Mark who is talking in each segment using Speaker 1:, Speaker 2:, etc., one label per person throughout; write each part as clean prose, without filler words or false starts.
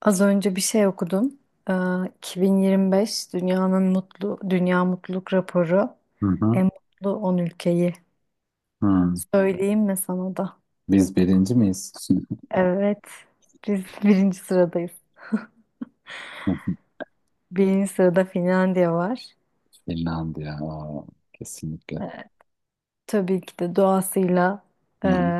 Speaker 1: Az önce bir şey okudum. Ee, 2025 dünyanın mutlu dünya mutluluk raporu
Speaker 2: Hı hı.
Speaker 1: en mutlu 10 ülkeyi.
Speaker 2: Hı.
Speaker 1: Söyleyeyim mi sana da?
Speaker 2: Biz birinci miyiz?
Speaker 1: Evet. Biz birinci sıradayız. Birinci sırada Finlandiya var.
Speaker 2: Finlandiya. Aa, kesinlikle.
Speaker 1: Tabii ki de doğasıyla
Speaker 2: Hı
Speaker 1: e,
Speaker 2: hı.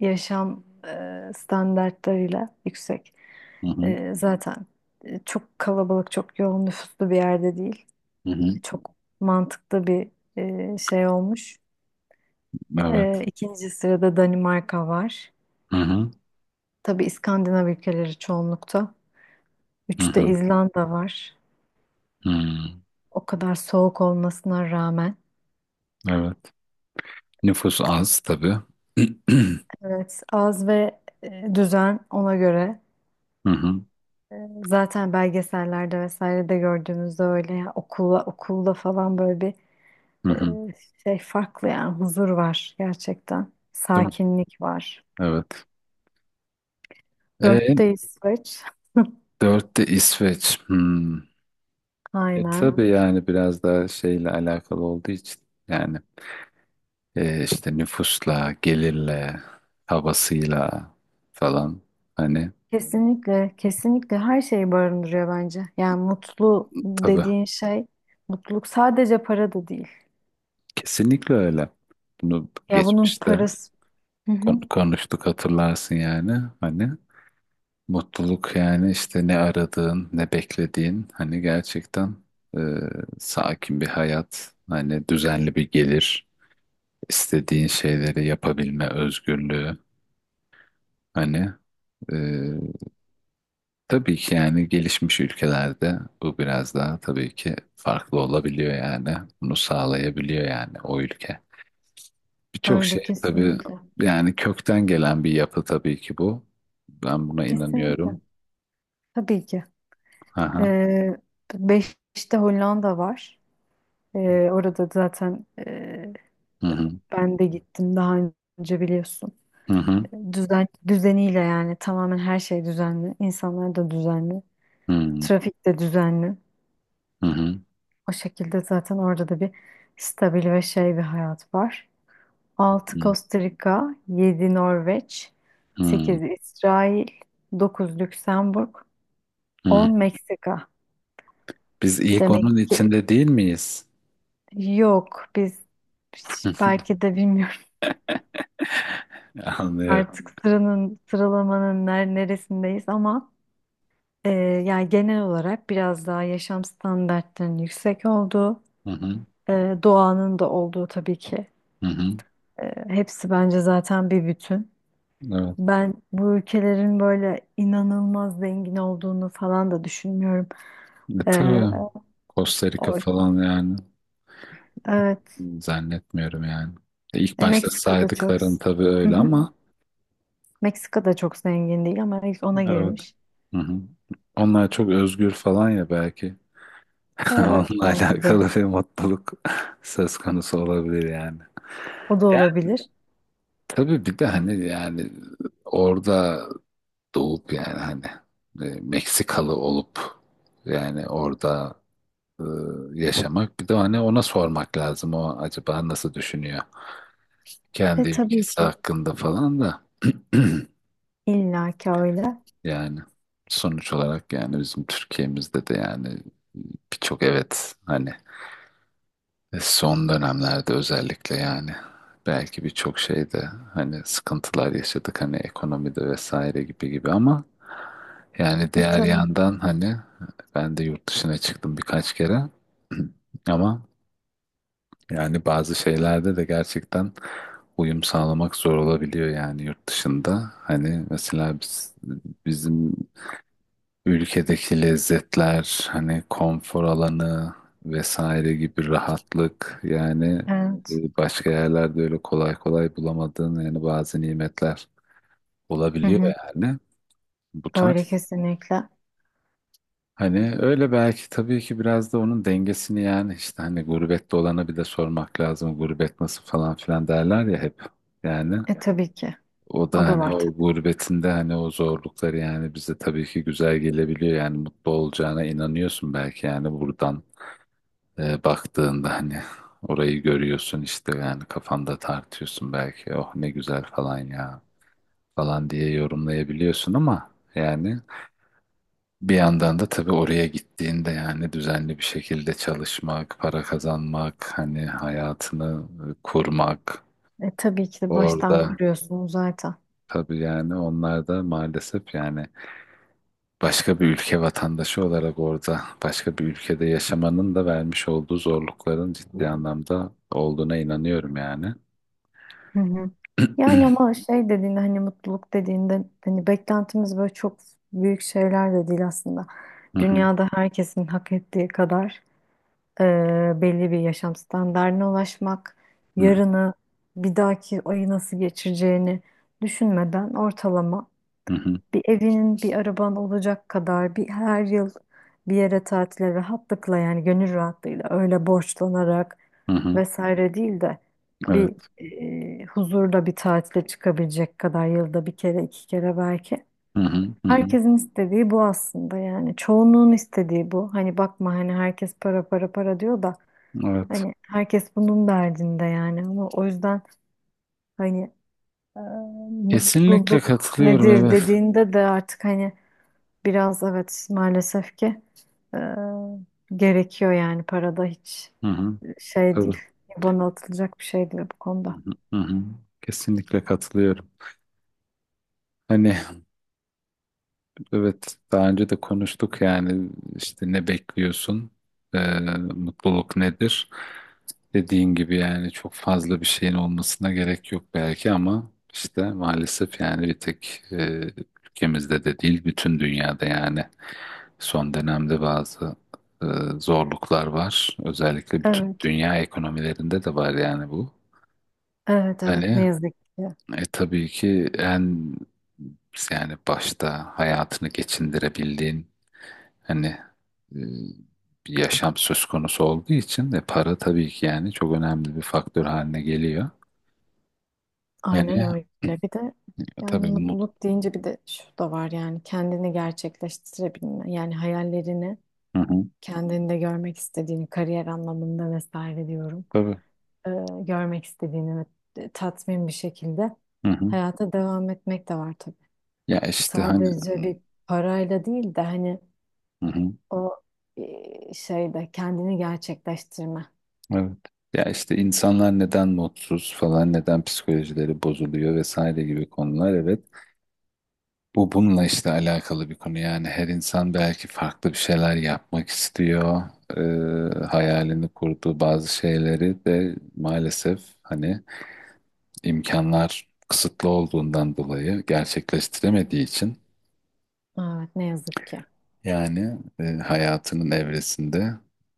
Speaker 1: yaşam standartlarıyla yüksek.
Speaker 2: Hı hı.
Speaker 1: Zaten çok kalabalık, çok yoğun nüfuslu bir yerde değil.
Speaker 2: Hı hı.
Speaker 1: Çok mantıklı bir şey olmuş.
Speaker 2: Evet.
Speaker 1: İkinci sırada Danimarka var.
Speaker 2: Hı hı.
Speaker 1: Tabii İskandinav ülkeleri çoğunlukta.
Speaker 2: Hı
Speaker 1: Üçte
Speaker 2: hı.
Speaker 1: İzlanda var.
Speaker 2: Hı.
Speaker 1: O kadar soğuk olmasına rağmen.
Speaker 2: Evet. Nüfus az tabii.
Speaker 1: Evet, az ve düzen ona göre.
Speaker 2: Hı hı.
Speaker 1: E, Zaten belgesellerde vesaire de gördüğümüzde öyle ya okula okulda falan böyle bir
Speaker 2: Hı hı.
Speaker 1: e, şey farklı, yani huzur var gerçekten.
Speaker 2: Değil mi?
Speaker 1: Sakinlik var.
Speaker 2: Evet. E,
Speaker 1: Dörtte İsveç.
Speaker 2: Dörtte İsveç. Hmm.
Speaker 1: Aynen.
Speaker 2: Tabii yani biraz daha şeyle alakalı olduğu için yani işte nüfusla, gelirle, havasıyla falan hani
Speaker 1: Kesinlikle, kesinlikle her şeyi barındırıyor bence. Yani mutlu
Speaker 2: tabii.
Speaker 1: dediğin şey, mutluluk sadece para da değil.
Speaker 2: Kesinlikle öyle. Bunu
Speaker 1: Ya bunun
Speaker 2: geçmişte
Speaker 1: parası, hı hı,
Speaker 2: konuştuk hatırlarsın yani. Hani mutluluk yani işte ne aradığın, ne beklediğin hani gerçekten e, sakin bir hayat, hani düzenli bir gelir, istediğin şeyleri yapabilme özgürlüğü hani e, tabii ki yani gelişmiş ülkelerde bu biraz daha tabii ki farklı olabiliyor yani. Bunu sağlayabiliyor yani o ülke. Birçok
Speaker 1: öyle
Speaker 2: şey tabii
Speaker 1: kesinlikle.
Speaker 2: yani kökten gelen bir yapı tabii ki bu. Ben buna inanıyorum.
Speaker 1: Kesinlikle. Tabii ki.
Speaker 2: Aha.
Speaker 1: Ee, Beşiktaş'ta Hollanda var. Ee, orada zaten,
Speaker 2: Hı hı.
Speaker 1: ben de gittim daha önce biliyorsun.
Speaker 2: Hı hı.
Speaker 1: Düzeniyle yani tamamen her şey düzenli. İnsanlar da düzenli.
Speaker 2: Hı hı.
Speaker 1: Trafik de düzenli.
Speaker 2: Hı hı.
Speaker 1: O şekilde zaten orada da bir stabil ve şey bir hayat var. 6 Costa Rica, 7 Norveç,
Speaker 2: Hı hı.
Speaker 1: 8 İsrail, 9 Lüksemburg,
Speaker 2: Hı
Speaker 1: 10
Speaker 2: hı.
Speaker 1: Meksika.
Speaker 2: Biz ilk
Speaker 1: Demek
Speaker 2: onun
Speaker 1: ki
Speaker 2: içinde değil miyiz?
Speaker 1: yok, biz belki de bilmiyorum
Speaker 2: Anlıyorum.
Speaker 1: artık sıralamanın neresindeyiz, ama e, yani genel olarak biraz daha yaşam standartlarının yüksek olduğu,
Speaker 2: Hı hı.
Speaker 1: doğanın da olduğu, tabii ki
Speaker 2: Hı hı.
Speaker 1: hepsi bence zaten bir bütün.
Speaker 2: Evet.
Speaker 1: Ben bu ülkelerin böyle inanılmaz zengin olduğunu falan da düşünmüyorum. Ee,
Speaker 2: Tabii Costa Rica
Speaker 1: o,
Speaker 2: falan yani
Speaker 1: evet,
Speaker 2: zannetmiyorum yani. İlk başta
Speaker 1: Meksika'da çok.
Speaker 2: saydıkların tabii
Speaker 1: Hı
Speaker 2: öyle
Speaker 1: hı.
Speaker 2: ama
Speaker 1: Meksika'da çok zengin değil ama ilk ona
Speaker 2: evet.
Speaker 1: girmiş.
Speaker 2: Hı hı. Onlar çok özgür falan ya belki.
Speaker 1: Evet,
Speaker 2: Onunla
Speaker 1: belki de
Speaker 2: alakalı bir mutluluk söz konusu olabilir yani.
Speaker 1: o da
Speaker 2: Yani
Speaker 1: olabilir.
Speaker 2: tabii bir de hani yani orada doğup yani hani Meksikalı olup yani orada e, yaşamak bir de hani ona sormak lazım o acaba nasıl düşünüyor kendi
Speaker 1: E tabii
Speaker 2: ülkesi
Speaker 1: ki
Speaker 2: hakkında falan da
Speaker 1: illa ki öyle.
Speaker 2: yani sonuç olarak yani bizim Türkiye'mizde de yani birçok evet hani. Son dönemlerde özellikle yani belki birçok şeyde hani sıkıntılar yaşadık hani ekonomide vesaire gibi gibi ama yani
Speaker 1: E
Speaker 2: diğer
Speaker 1: tabii.
Speaker 2: yandan hani ben de yurt dışına çıktım birkaç kere. Ama yani bazı şeylerde de gerçekten uyum sağlamak zor olabiliyor yani yurt dışında. Hani mesela biz, bizim ülkedeki lezzetler, hani konfor alanı vesaire gibi rahatlık yani
Speaker 1: Evet.
Speaker 2: başka yerlerde öyle kolay kolay bulamadığın yani bazı nimetler
Speaker 1: Hı
Speaker 2: olabiliyor
Speaker 1: hı.
Speaker 2: yani bu
Speaker 1: Öyle
Speaker 2: tarz.
Speaker 1: kesinlikle.
Speaker 2: Hani öyle belki tabii ki biraz da onun dengesini yani işte hani gurbette olana bir de sormak lazım, gurbet nasıl falan filan derler ya hep yani.
Speaker 1: E tabii ki.
Speaker 2: O da
Speaker 1: O da
Speaker 2: hani
Speaker 1: var.
Speaker 2: o gurbetinde hani o zorlukları yani bize tabii ki güzel gelebiliyor yani mutlu olacağına inanıyorsun belki yani buradan baktığında hani orayı görüyorsun işte yani kafanda tartıyorsun belki oh ne güzel falan ya falan diye yorumlayabiliyorsun ama yani bir yandan da tabii oraya gittiğinde yani düzenli bir şekilde çalışmak, para kazanmak, hani hayatını kurmak
Speaker 1: Tabii ki de baştan
Speaker 2: orada
Speaker 1: kuruyorsunuz zaten.
Speaker 2: tabii yani onlar da maalesef yani başka bir ülke vatandaşı olarak orada başka bir ülkede yaşamanın da vermiş olduğu zorlukların ciddi anlamda olduğuna inanıyorum yani.
Speaker 1: Hı hı. Yani ama şey dediğinde, hani mutluluk dediğinde, hani beklentimiz böyle çok büyük şeyler de değil aslında.
Speaker 2: Hı hı,
Speaker 1: Dünyada herkesin hak ettiği kadar e, belli bir yaşam standardına ulaşmak,
Speaker 2: hı hı,
Speaker 1: yarını, bir dahaki ayı nasıl geçireceğini düşünmeden, ortalama
Speaker 2: hı hı,
Speaker 1: bir evinin, bir araban olacak kadar, bir her yıl bir yere tatile rahatlıkla, yani gönül rahatlığıyla, öyle borçlanarak
Speaker 2: hı hı.
Speaker 1: vesaire değil de bir
Speaker 2: Evet.
Speaker 1: huzurda bir tatile çıkabilecek kadar, yılda bir kere iki kere belki.
Speaker 2: Hı hı, hı hı.
Speaker 1: Herkesin istediği bu aslında, yani çoğunluğun istediği bu. Hani bakma, hani herkes para para para diyor da,
Speaker 2: Evet.
Speaker 1: hani herkes bunun derdinde yani, ama o yüzden hani e,
Speaker 2: Kesinlikle
Speaker 1: mutluluk
Speaker 2: katılıyorum.
Speaker 1: nedir
Speaker 2: Evet.
Speaker 1: dediğinde de artık hani biraz evet, maalesef ki e, gerekiyor yani, parada hiç
Speaker 2: Hı hı.
Speaker 1: şey
Speaker 2: Tabii.
Speaker 1: değil. Bana atılacak bir şey değil bu
Speaker 2: Hı
Speaker 1: konuda.
Speaker 2: hı, hı hı. Kesinlikle katılıyorum. Hani evet daha önce de konuştuk yani işte ne bekliyorsun? Mutluluk nedir? Dediğin gibi yani çok fazla bir şeyin olmasına gerek yok belki ama işte maalesef yani bir tek ülkemizde de değil bütün dünyada yani. Son dönemde bazı e, zorluklar var. Özellikle bütün
Speaker 1: Evet,
Speaker 2: dünya ekonomilerinde de var yani bu.
Speaker 1: evet, evet, ne
Speaker 2: Hani
Speaker 1: yazık ki.
Speaker 2: tabii ki en yani başta hayatını geçindirebildiğin hani e, bir yaşam söz konusu olduğu için de para tabii ki yani çok önemli bir faktör haline geliyor.
Speaker 1: Aynen
Speaker 2: Hani
Speaker 1: öyle. Bir de yani
Speaker 2: tabii
Speaker 1: mutluluk deyince bir de şu da var, yani kendini gerçekleştirebilme. Yani hayallerini
Speaker 2: hı hı,
Speaker 1: kendinde görmek istediğini, kariyer anlamında vesaire diyorum.
Speaker 2: tabii
Speaker 1: e, görmek istediğini ve tatmin bir şekilde
Speaker 2: hı hı.
Speaker 1: hayata devam etmek de var tabii.
Speaker 2: Ya işte hani
Speaker 1: Sadece bir parayla değil de hani
Speaker 2: hı hı.
Speaker 1: o şeyde kendini gerçekleştirme.
Speaker 2: Evet. Ya işte insanlar neden mutsuz falan, neden psikolojileri bozuluyor vesaire gibi konular, evet. Bu bununla işte alakalı bir konu yani her insan belki farklı bir şeyler yapmak istiyor. Hayalini kurduğu bazı şeyleri de maalesef hani imkanlar kısıtlı olduğundan dolayı gerçekleştiremediği için
Speaker 1: Evet, ne yazık ki.
Speaker 2: yani hayatının evresinde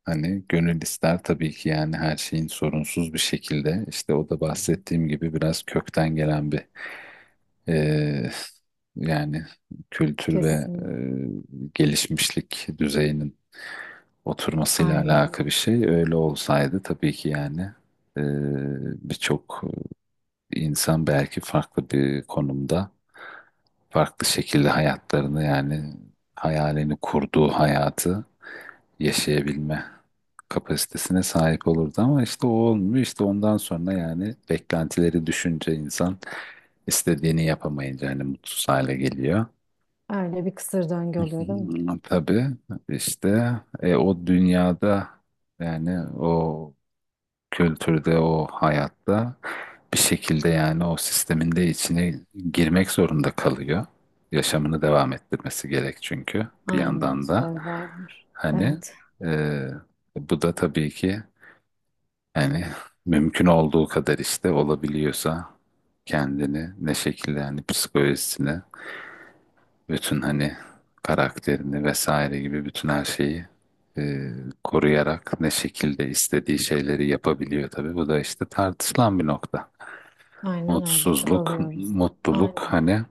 Speaker 2: hani gönül ister tabii ki yani her şeyin sorunsuz bir şekilde işte o da bahsettiğim gibi biraz kökten gelen bir e, yani kültür ve
Speaker 1: Kesin.
Speaker 2: gelişmişlik düzeyinin oturmasıyla
Speaker 1: Aynen.
Speaker 2: alakalı bir şey. Öyle olsaydı tabii ki yani e, birçok İnsan belki farklı bir konumda farklı şekilde hayatlarını yani hayalini kurduğu hayatı yaşayabilme kapasitesine sahip olurdu ama işte o olmuyor. İşte ondan sonra yani beklentileri düşünce insan istediğini yapamayınca hani mutsuz hale geliyor.
Speaker 1: Öyle bir kısır döngü oluyor değil mi?
Speaker 2: Hmm, tabii işte o dünyada yani o kültürde, o hayatta bir şekilde yani o sistemin de içine girmek zorunda kalıyor. Yaşamını devam ettirmesi gerek, çünkü bir
Speaker 1: Aynen.
Speaker 2: yandan da
Speaker 1: Survivor.
Speaker 2: hani
Speaker 1: Evet.
Speaker 2: e, bu da tabii ki yani mümkün olduğu kadar işte olabiliyorsa kendini ne şekilde yani psikolojisini bütün hani karakterini vesaire gibi bütün her şeyi e, koruyarak ne şekilde istediği şeyleri yapabiliyor tabii. Bu da işte tartışılan bir nokta.
Speaker 1: Aynen öyle.
Speaker 2: Mutsuzluk,
Speaker 1: Çabalıyoruz.
Speaker 2: mutluluk
Speaker 1: Aynen.
Speaker 2: hani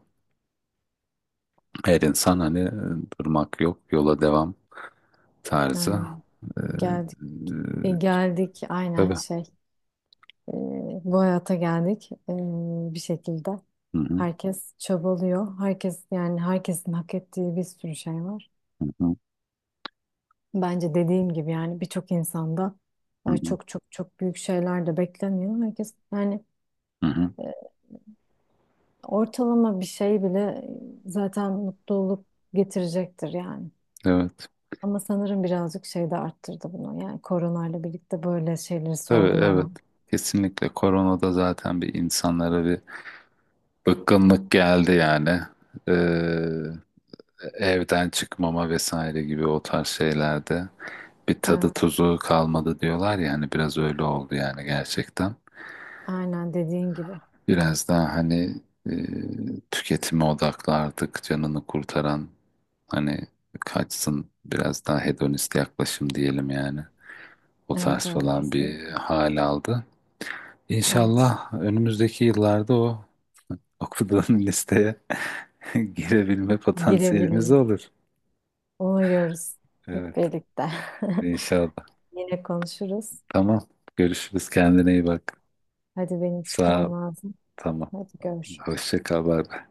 Speaker 2: her insan hani durmak yok, yola devam tarzı.
Speaker 1: Aynen.
Speaker 2: E, e,
Speaker 1: Geldik. E, geldik. Aynen
Speaker 2: tabii.
Speaker 1: şey. Ee, bu hayata geldik, bir şekilde.
Speaker 2: Hı hı,
Speaker 1: Herkes çabalıyor. Herkes, yani herkesin hak ettiği bir sürü şey var.
Speaker 2: hı hı,
Speaker 1: Bence dediğim gibi yani birçok insanda,
Speaker 2: hı
Speaker 1: ay,
Speaker 2: hı,
Speaker 1: çok çok çok büyük şeyler de beklemiyor. Herkes yani
Speaker 2: hı hı.
Speaker 1: e, ortalama bir şey bile zaten mutluluk getirecektir yani.
Speaker 2: Evet.
Speaker 1: Ama sanırım birazcık şey de arttırdı bunu. Yani koronayla birlikte böyle şeyleri
Speaker 2: Tabii, evet.
Speaker 1: sorgulama.
Speaker 2: Kesinlikle koronada zaten bir insanlara bir bıkkınlık geldi yani. Evden çıkmama vesaire gibi o tarz şeylerde bir tadı
Speaker 1: Evet.
Speaker 2: tuzu kalmadı diyorlar ya, hani biraz öyle oldu yani gerçekten.
Speaker 1: Aynen dediğin gibi.
Speaker 2: Biraz daha hani e, tüketime odaklardık canını kurtaran hani kaçsın, biraz daha hedonist yaklaşım diyelim yani. O
Speaker 1: Evet
Speaker 2: tarz
Speaker 1: evet
Speaker 2: falan
Speaker 1: kesin.
Speaker 2: bir hal aldı.
Speaker 1: Evet.
Speaker 2: İnşallah önümüzdeki yıllarda o okuduğun listeye girebilme potansiyelimiz
Speaker 1: Girebiliriz.
Speaker 2: olur.
Speaker 1: Uğurluyoruz hep
Speaker 2: Evet,
Speaker 1: birlikte.
Speaker 2: inşallah.
Speaker 1: Yine konuşuruz.
Speaker 2: Tamam. Görüşürüz. Kendine iyi bak.
Speaker 1: Hadi benim
Speaker 2: Sağ
Speaker 1: çıkmam
Speaker 2: ol.
Speaker 1: lazım.
Speaker 2: Tamam.
Speaker 1: Hadi görüşürüz.
Speaker 2: Hoşça kal. Bay bay.